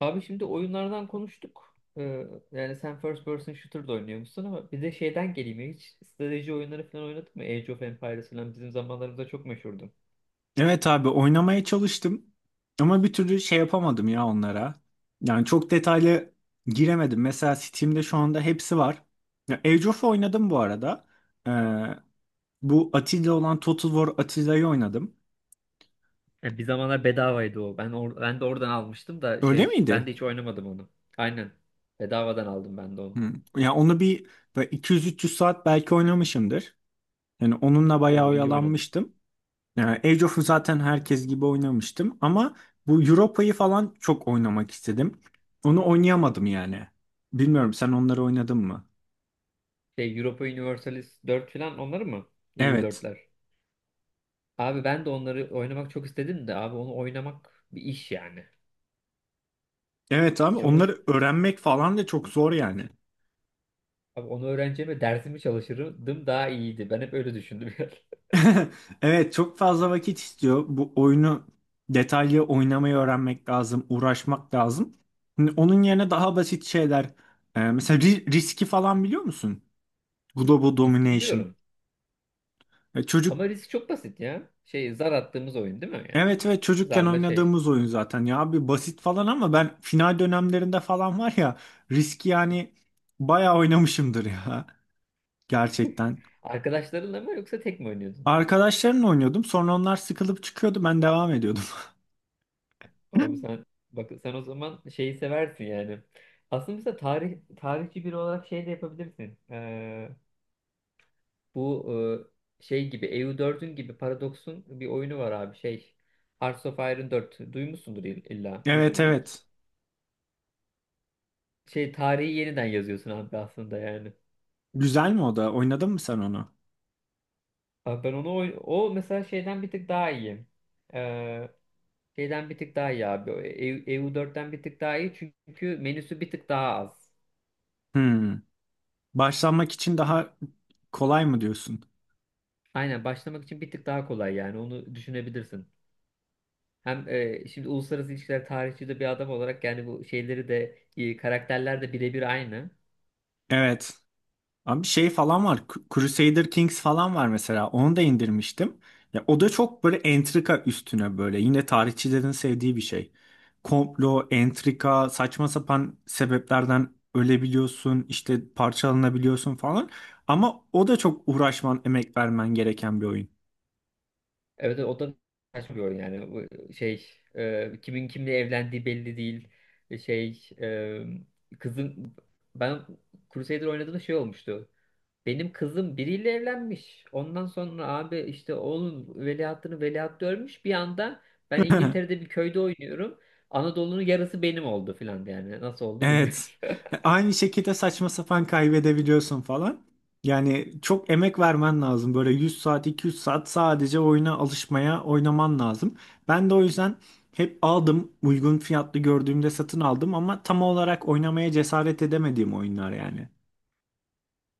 Abi şimdi oyunlardan konuştuk. Yani sen first person shooter da oynuyormuşsun ama bir de şeyden geleyim ya. Hiç strateji oyunları falan oynadın mı? Age of Empires falan bizim zamanlarımızda çok meşhurdu. Evet abi, oynamaya çalıştım ama bir türlü şey yapamadım ya onlara. Yani çok detaylı giremedim. Mesela Steam'de şu anda hepsi var. Ya Age of oynadım bu arada. Ee, bu Atilla olan Total War Atilla'yı oynadım. Ya bir zamanlar bedavaydı o. Ben de oradan almıştım da Öyle şey ben miydi? de hiç oynamadım onu. Aynen. Bedavadan aldım ben de onu. Hı. Ya onu bir böyle 200-300 saat belki oynamışımdır. Yani onunla bayağı O iyi oynamış. oyalanmıştım. Yani Age of'u zaten herkes gibi oynamıştım ama bu Europa'yı falan çok oynamak istedim. Onu oynayamadım yani. Bilmiyorum, sen onları oynadın mı? Şey Europa Universalis 4 falan onları mı? Evet. EU4'ler. Abi ben de onları oynamak çok istedim de abi onu oynamak bir iş yani. Evet abi, Hiç onu. onları öğrenmek falan da çok zor yani. Abi onu öğreneceğime dersimi çalışırdım daha iyiydi. Ben hep öyle düşündüm yani. Evet, çok fazla vakit istiyor. Bu oyunu detaylı oynamayı öğrenmek lazım, uğraşmak lazım. Şimdi onun yerine daha basit şeyler. Mesela riski falan biliyor musun? Global Riski Domination. biliyorum. E, Çocuk Ama risk çok basit ya. Şey zar attığımız oyun değil mi yani? Evet, ve çocukken Zarla şey. oynadığımız oyun zaten ya abi, basit falan ama ben final dönemlerinde falan var ya, riski yani bayağı oynamışımdır ya, gerçekten. Arkadaşlarınla mı yoksa tek mi oynuyordun? Arkadaşlarımla oynuyordum, sonra onlar sıkılıp çıkıyordu, ben devam ediyordum. Abi sen, bak sen o zaman şeyi seversin yani. Aslında mesela tarih tarihçi biri olarak şey de yapabilirsin. Bu şey gibi eu dördün gibi Paradox'un bir oyunu var abi şey. Hearts of Iron 4. Duymuşsundur illa. Duydun Evet, mu hiç? evet, Şey tarihi yeniden yazıyorsun abi aslında yani. güzel mi? O da oynadın mı sen onu? Abi ben onu o mesela şeyden bir tık daha iyi. Ee, şeyden bir tık daha iyi abi. O EU, EU4'ten bir tık daha iyi çünkü menüsü bir tık daha az. Hmm. Başlanmak için daha kolay mı diyorsun? Aynen, başlamak için bir tık daha kolay yani, onu düşünebilirsin. Hem şimdi uluslararası ilişkiler tarihçi de bir adam olarak yani bu şeyleri de karakterler de birebir aynı. Evet. Abi şey falan var. Crusader Kings falan var mesela. Onu da indirmiştim. Ya o da çok böyle entrika üstüne böyle. Yine tarihçilerin sevdiği bir şey. Komplo, entrika, saçma sapan sebeplerden ölebiliyorsun, işte parçalanabiliyorsun falan. Ama o da çok uğraşman, emek vermen gereken bir oyun. Evet, o da kaçmıyor yani. Bu şey kimin kimle evlendiği belli değil. Şey kızın, ben Crusader oynadığımda şey olmuştu. Benim kızım biriyle evlenmiş. Ondan sonra abi işte oğlun veliahtını veliaht görmüş. Bir anda ben İngiltere'de bir köyde oynuyorum. Anadolu'nun yarısı benim oldu filan yani. Nasıl oldu bilmiyorum. Evet. Aynı şekilde saçma sapan kaybedebiliyorsun falan. Yani çok emek vermen lazım. Böyle 100 saat, 200 saat sadece oyuna alışmaya, oynaman lazım. Ben de o yüzden hep aldım. Uygun fiyatlı gördüğümde satın aldım ama tam olarak oynamaya cesaret edemediğim oyunlar yani.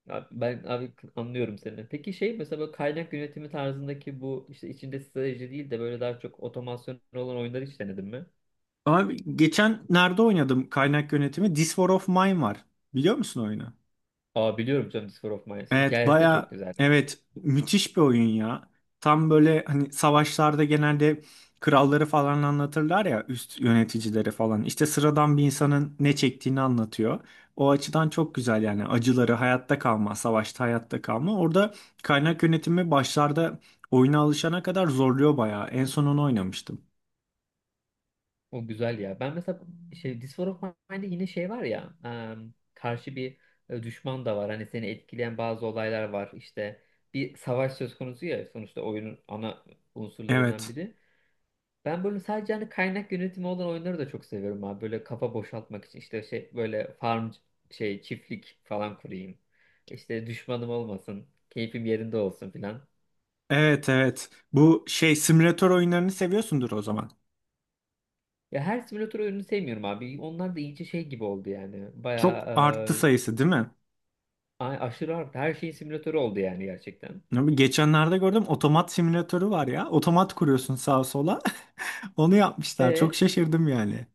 Abi ben abi anlıyorum seni. Peki şey mesela böyle kaynak yönetimi tarzındaki, bu işte içinde strateji değil de böyle daha çok otomasyon olan oyunları hiç denedin mi? Abi geçen nerede oynadım kaynak yönetimi? This War of Mine var. Biliyor musun oyunu? Aa, biliyorum canım, Sphere of Mine. Evet, Hikayesi de çok baya güzel. evet, müthiş bir oyun ya. Tam böyle hani savaşlarda genelde kralları falan anlatırlar ya, üst yöneticileri falan. İşte sıradan bir insanın ne çektiğini anlatıyor. O açıdan çok güzel yani, acıları, hayatta kalma, savaşta hayatta kalma. Orada kaynak yönetimi başlarda oyuna alışana kadar zorluyor baya. En son onu oynamıştım. O güzel ya. Ben mesela şey This War of Mine'de yine şey var ya, karşı bir düşman da var. Hani seni etkileyen bazı olaylar var. İşte bir savaş söz konusu ya sonuçta, oyunun ana unsurlarından Evet. biri. Ben böyle sadece hani kaynak yönetimi olan oyunları da çok seviyorum abi. Böyle kafa boşaltmak için işte şey, böyle farm şey çiftlik falan kurayım. İşte düşmanım olmasın. Keyfim yerinde olsun filan. Evet, evet. Bu şey simülatör oyunlarını seviyorsundur o zaman. Ya her simülatör oyununu sevmiyorum abi. Onlar da iyice şey gibi oldu yani. Çok arttı Bayağı. sayısı değil mi? Ay, aşırı arttı. Her şeyin simülatörü oldu yani gerçekten. Abi geçenlerde gördüm, otomat simülatörü var ya. Otomat kuruyorsun sağa sola. Onu yapmışlar. Çok E şaşırdım yani.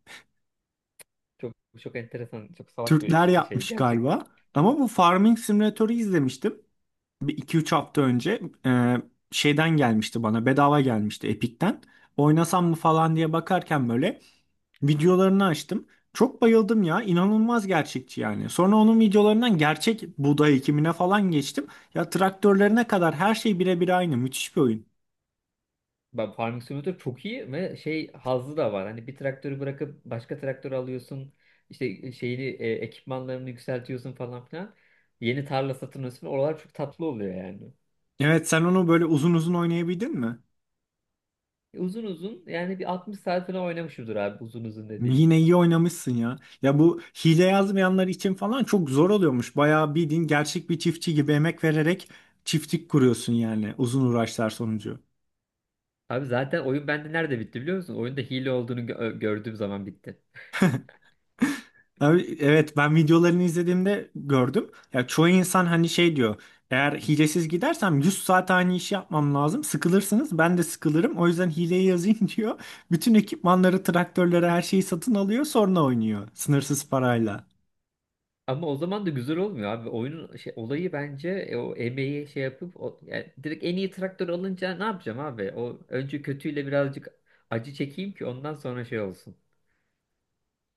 çok çok enteresan, çok salak bir Türkler şey yapmış gerçekten. galiba. Ama bu farming simülatörü izlemiştim. Bir iki üç hafta önce şeyden gelmişti bana. Bedava gelmişti Epic'ten. Oynasam mı falan diye bakarken böyle videolarını açtım. Çok bayıldım ya. İnanılmaz gerçekçi yani. Sonra onun videolarından gerçek buğday ekimine falan geçtim. Ya traktörlerine kadar her şey birebir aynı. Müthiş bir oyun. Ben Farming Simulator çok iyi ve şey hazzı da var. Hani bir traktörü bırakıp başka traktör alıyorsun. İşte şeyini ekipmanlarını yükseltiyorsun falan filan. Yeni tarla satın alıyorsun. Oralar çok tatlı oluyor yani. Evet, sen onu böyle uzun uzun oynayabildin mi? Uzun uzun, yani bir 60 saat falan oynamışımdır abi, uzun uzun dediğim. Yine iyi oynamışsın ya. Ya bu hile yazmayanlar için falan çok zor oluyormuş. Bayağı bildiğin gerçek bir çiftçi gibi emek vererek çiftlik kuruyorsun yani, uzun uğraşlar sonucu. Abi zaten oyun bende nerede bitti biliyor musun? Oyunda hile olduğunu gördüğüm zaman bitti. Abi, evet, ben videolarını izlediğimde gördüm. Ya çoğu insan hani şey diyor. Eğer hilesiz gidersem 100 saat aynı işi yapmam lazım. Sıkılırsınız, ben de sıkılırım. O yüzden hileyi yazayım, diyor. Bütün ekipmanları, traktörleri, her şeyi satın alıyor, sonra oynuyor. Sınırsız parayla. Ama o zaman da güzel olmuyor abi. Oyunun şey, olayı bence o emeği şey yapıp, o, yani direkt en iyi traktör alınca ne yapacağım abi? O önce kötüyle birazcık acı çekeyim ki, ondan sonra şey olsun.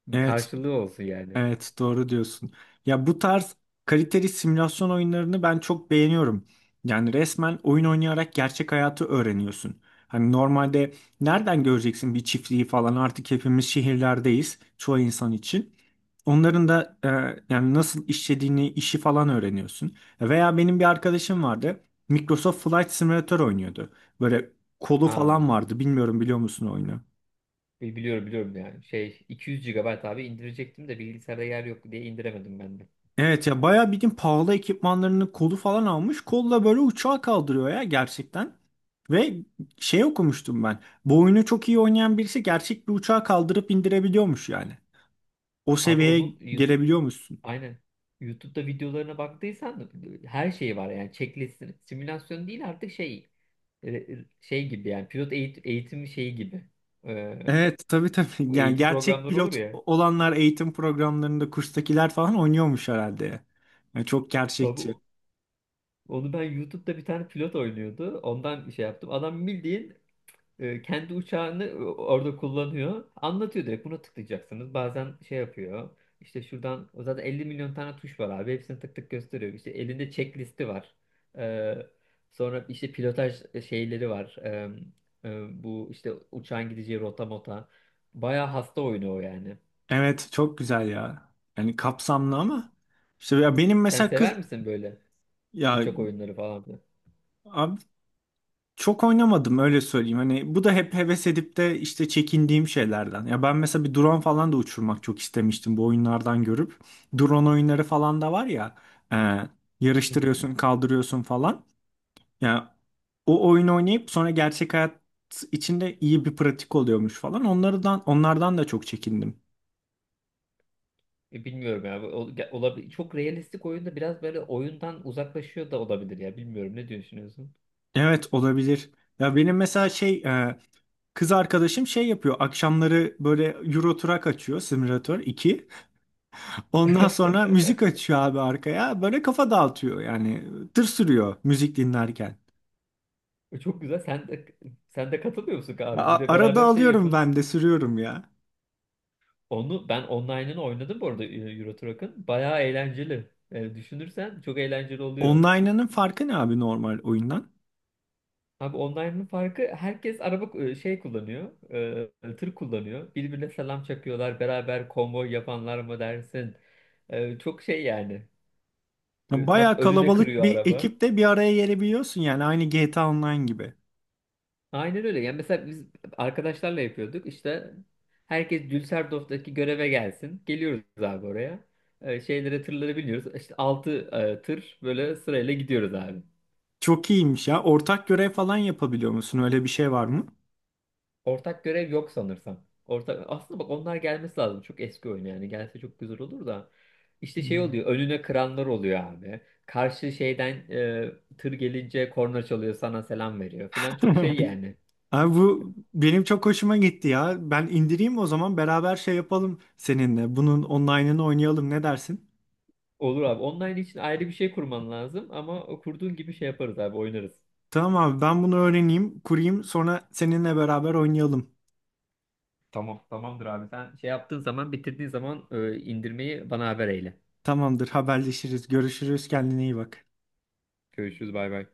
Bir Evet. karşılığı olsun yani. Evet, doğru diyorsun. Ya bu tarz kaliteli simülasyon oyunlarını ben çok beğeniyorum. Yani resmen oyun oynayarak gerçek hayatı öğreniyorsun. Hani normalde nereden göreceksin bir çiftliği falan, artık hepimiz şehirlerdeyiz çoğu insan için. Onların da yani nasıl işlediğini, işi falan öğreniyorsun. Veya benim bir arkadaşım vardı. Microsoft Flight Simulator oynuyordu. Böyle kolu Aa, falan vardı. Bilmiyorum, biliyor musun oyunu? Biliyorum biliyorum yani. Şey, 200 GB abi indirecektim de bilgisayarda yer yok diye indiremedim ben de. Evet, ya bayağı bildiğin pahalı ekipmanlarını, kolu falan almış. Kolla böyle uçağı kaldırıyor ya, gerçekten. Ve şey, okumuştum ben. Bu oyunu çok iyi oynayan birisi gerçek bir uçağı kaldırıp indirebiliyormuş yani. O Abi, seviyeye onun YouTube, gelebiliyormuşsun. aynen, YouTube'da videolarına baktıysan her şeyi var yani, checklist simülasyon değil artık, şey şey gibi yani, pilot eğitim şeyi gibi. Ee, Evet, tabii tabii. bu Yani eğitim gerçek programları olur pilot ya. olanlar eğitim programlarında, kurstakiler falan oynuyormuş herhalde. Yani çok Abi, gerçekçi. onu ben YouTube'da bir tane pilot oynuyordu. Ondan şey yaptım. Adam bildiğin kendi uçağını orada kullanıyor. Anlatıyor, direkt buna tıklayacaksınız. Bazen şey yapıyor. İşte şuradan, o zaten 50 milyon tane tuş var abi. Hepsini tık tık gösteriyor. İşte elinde checklisti var. Ee, sonra işte pilotaj şeyleri var. Bu işte uçağın gideceği rota mota. Bayağı hasta oyunu o yani. Evet, çok güzel ya. Yani kapsamlı ama. İşte ya benim Sen mesela sever kız... misin böyle Ya uçak oyunları falan filan? abi, çok oynamadım, öyle söyleyeyim. Hani bu da hep heves edip de işte çekindiğim şeylerden. Ya ben mesela bir drone falan da uçurmak çok istemiştim bu oyunlardan görüp. Drone oyunları falan da var ya. e, Hı hı. Yarıştırıyorsun, kaldırıyorsun falan. Ya o oyun oynayıp sonra gerçek hayat içinde iyi bir pratik oluyormuş falan. Onlardan da çok çekindim. Bilmiyorum ya. Olabilir. Çok realistik oyunda biraz böyle oyundan uzaklaşıyor da olabilir ya. Bilmiyorum, ne düşünüyorsun? Evet, olabilir. Ya benim mesela şey, kız arkadaşım şey yapıyor. Akşamları böyle Euro Truck açıyor, Simulator 2. Ondan sonra müzik açıyor abi arkaya. Böyle kafa dağıtıyor yani. Tır sürüyor müzik dinlerken. Çok güzel. Sen de katılmıyor musun abi? Bir Arada beraber şey alıyorum yapın. ben de sürüyorum ya. Onu ben online'ını oynadım bu arada Euro Truck'ın. Bayağı eğlenceli. Yani düşünürsen çok eğlenceli oluyor. Online'ının farkı ne abi normal oyundan? Abi online'ın farkı, herkes araba şey kullanıyor, tır kullanıyor. Birbirine selam çakıyorlar, beraber konvoy yapanlar mı dersin? Çok şey yani. Ya Tat bayağı önüne kalabalık kırıyor bir araba. ekipte bir araya gelebiliyorsun, yani aynı GTA Online gibi. Aynen öyle. Yani mesela biz arkadaşlarla yapıyorduk. İşte herkes Düsseldorf'taki göreve gelsin. Geliyoruz abi oraya. Şeylere, tırları biniyoruz. İşte 6 tır böyle sırayla gidiyoruz abi. Çok iyiymiş ya. Ortak görev falan yapabiliyor musun? Öyle bir şey var mı? Ortak görev yok sanırsam. Ortak, aslında bak, onlar gelmesi lazım. Çok eski oyun yani. Gelse çok güzel olur da. İşte şey Hmm. oluyor, önüne kıranlar oluyor abi. Karşı şeyden tır gelince korna çalıyor, sana selam veriyor filan. Çok şey yani. Abi bu benim çok hoşuma gitti ya. Ben indireyim o zaman, beraber şey yapalım seninle. Bunun online'ını oynayalım, ne dersin? Olur abi. Online için ayrı bir şey kurman lazım ama o kurduğun gibi şey yaparız abi, oynarız. Tamam abi, ben bunu öğreneyim, kurayım, sonra seninle beraber oynayalım. Tamam, tamamdır abi. Sen şey yaptığın zaman, bitirdiğin zaman indirmeyi bana haber eyle. Tamamdır, haberleşiriz, görüşürüz, kendine iyi bak. Görüşürüz, bay bay.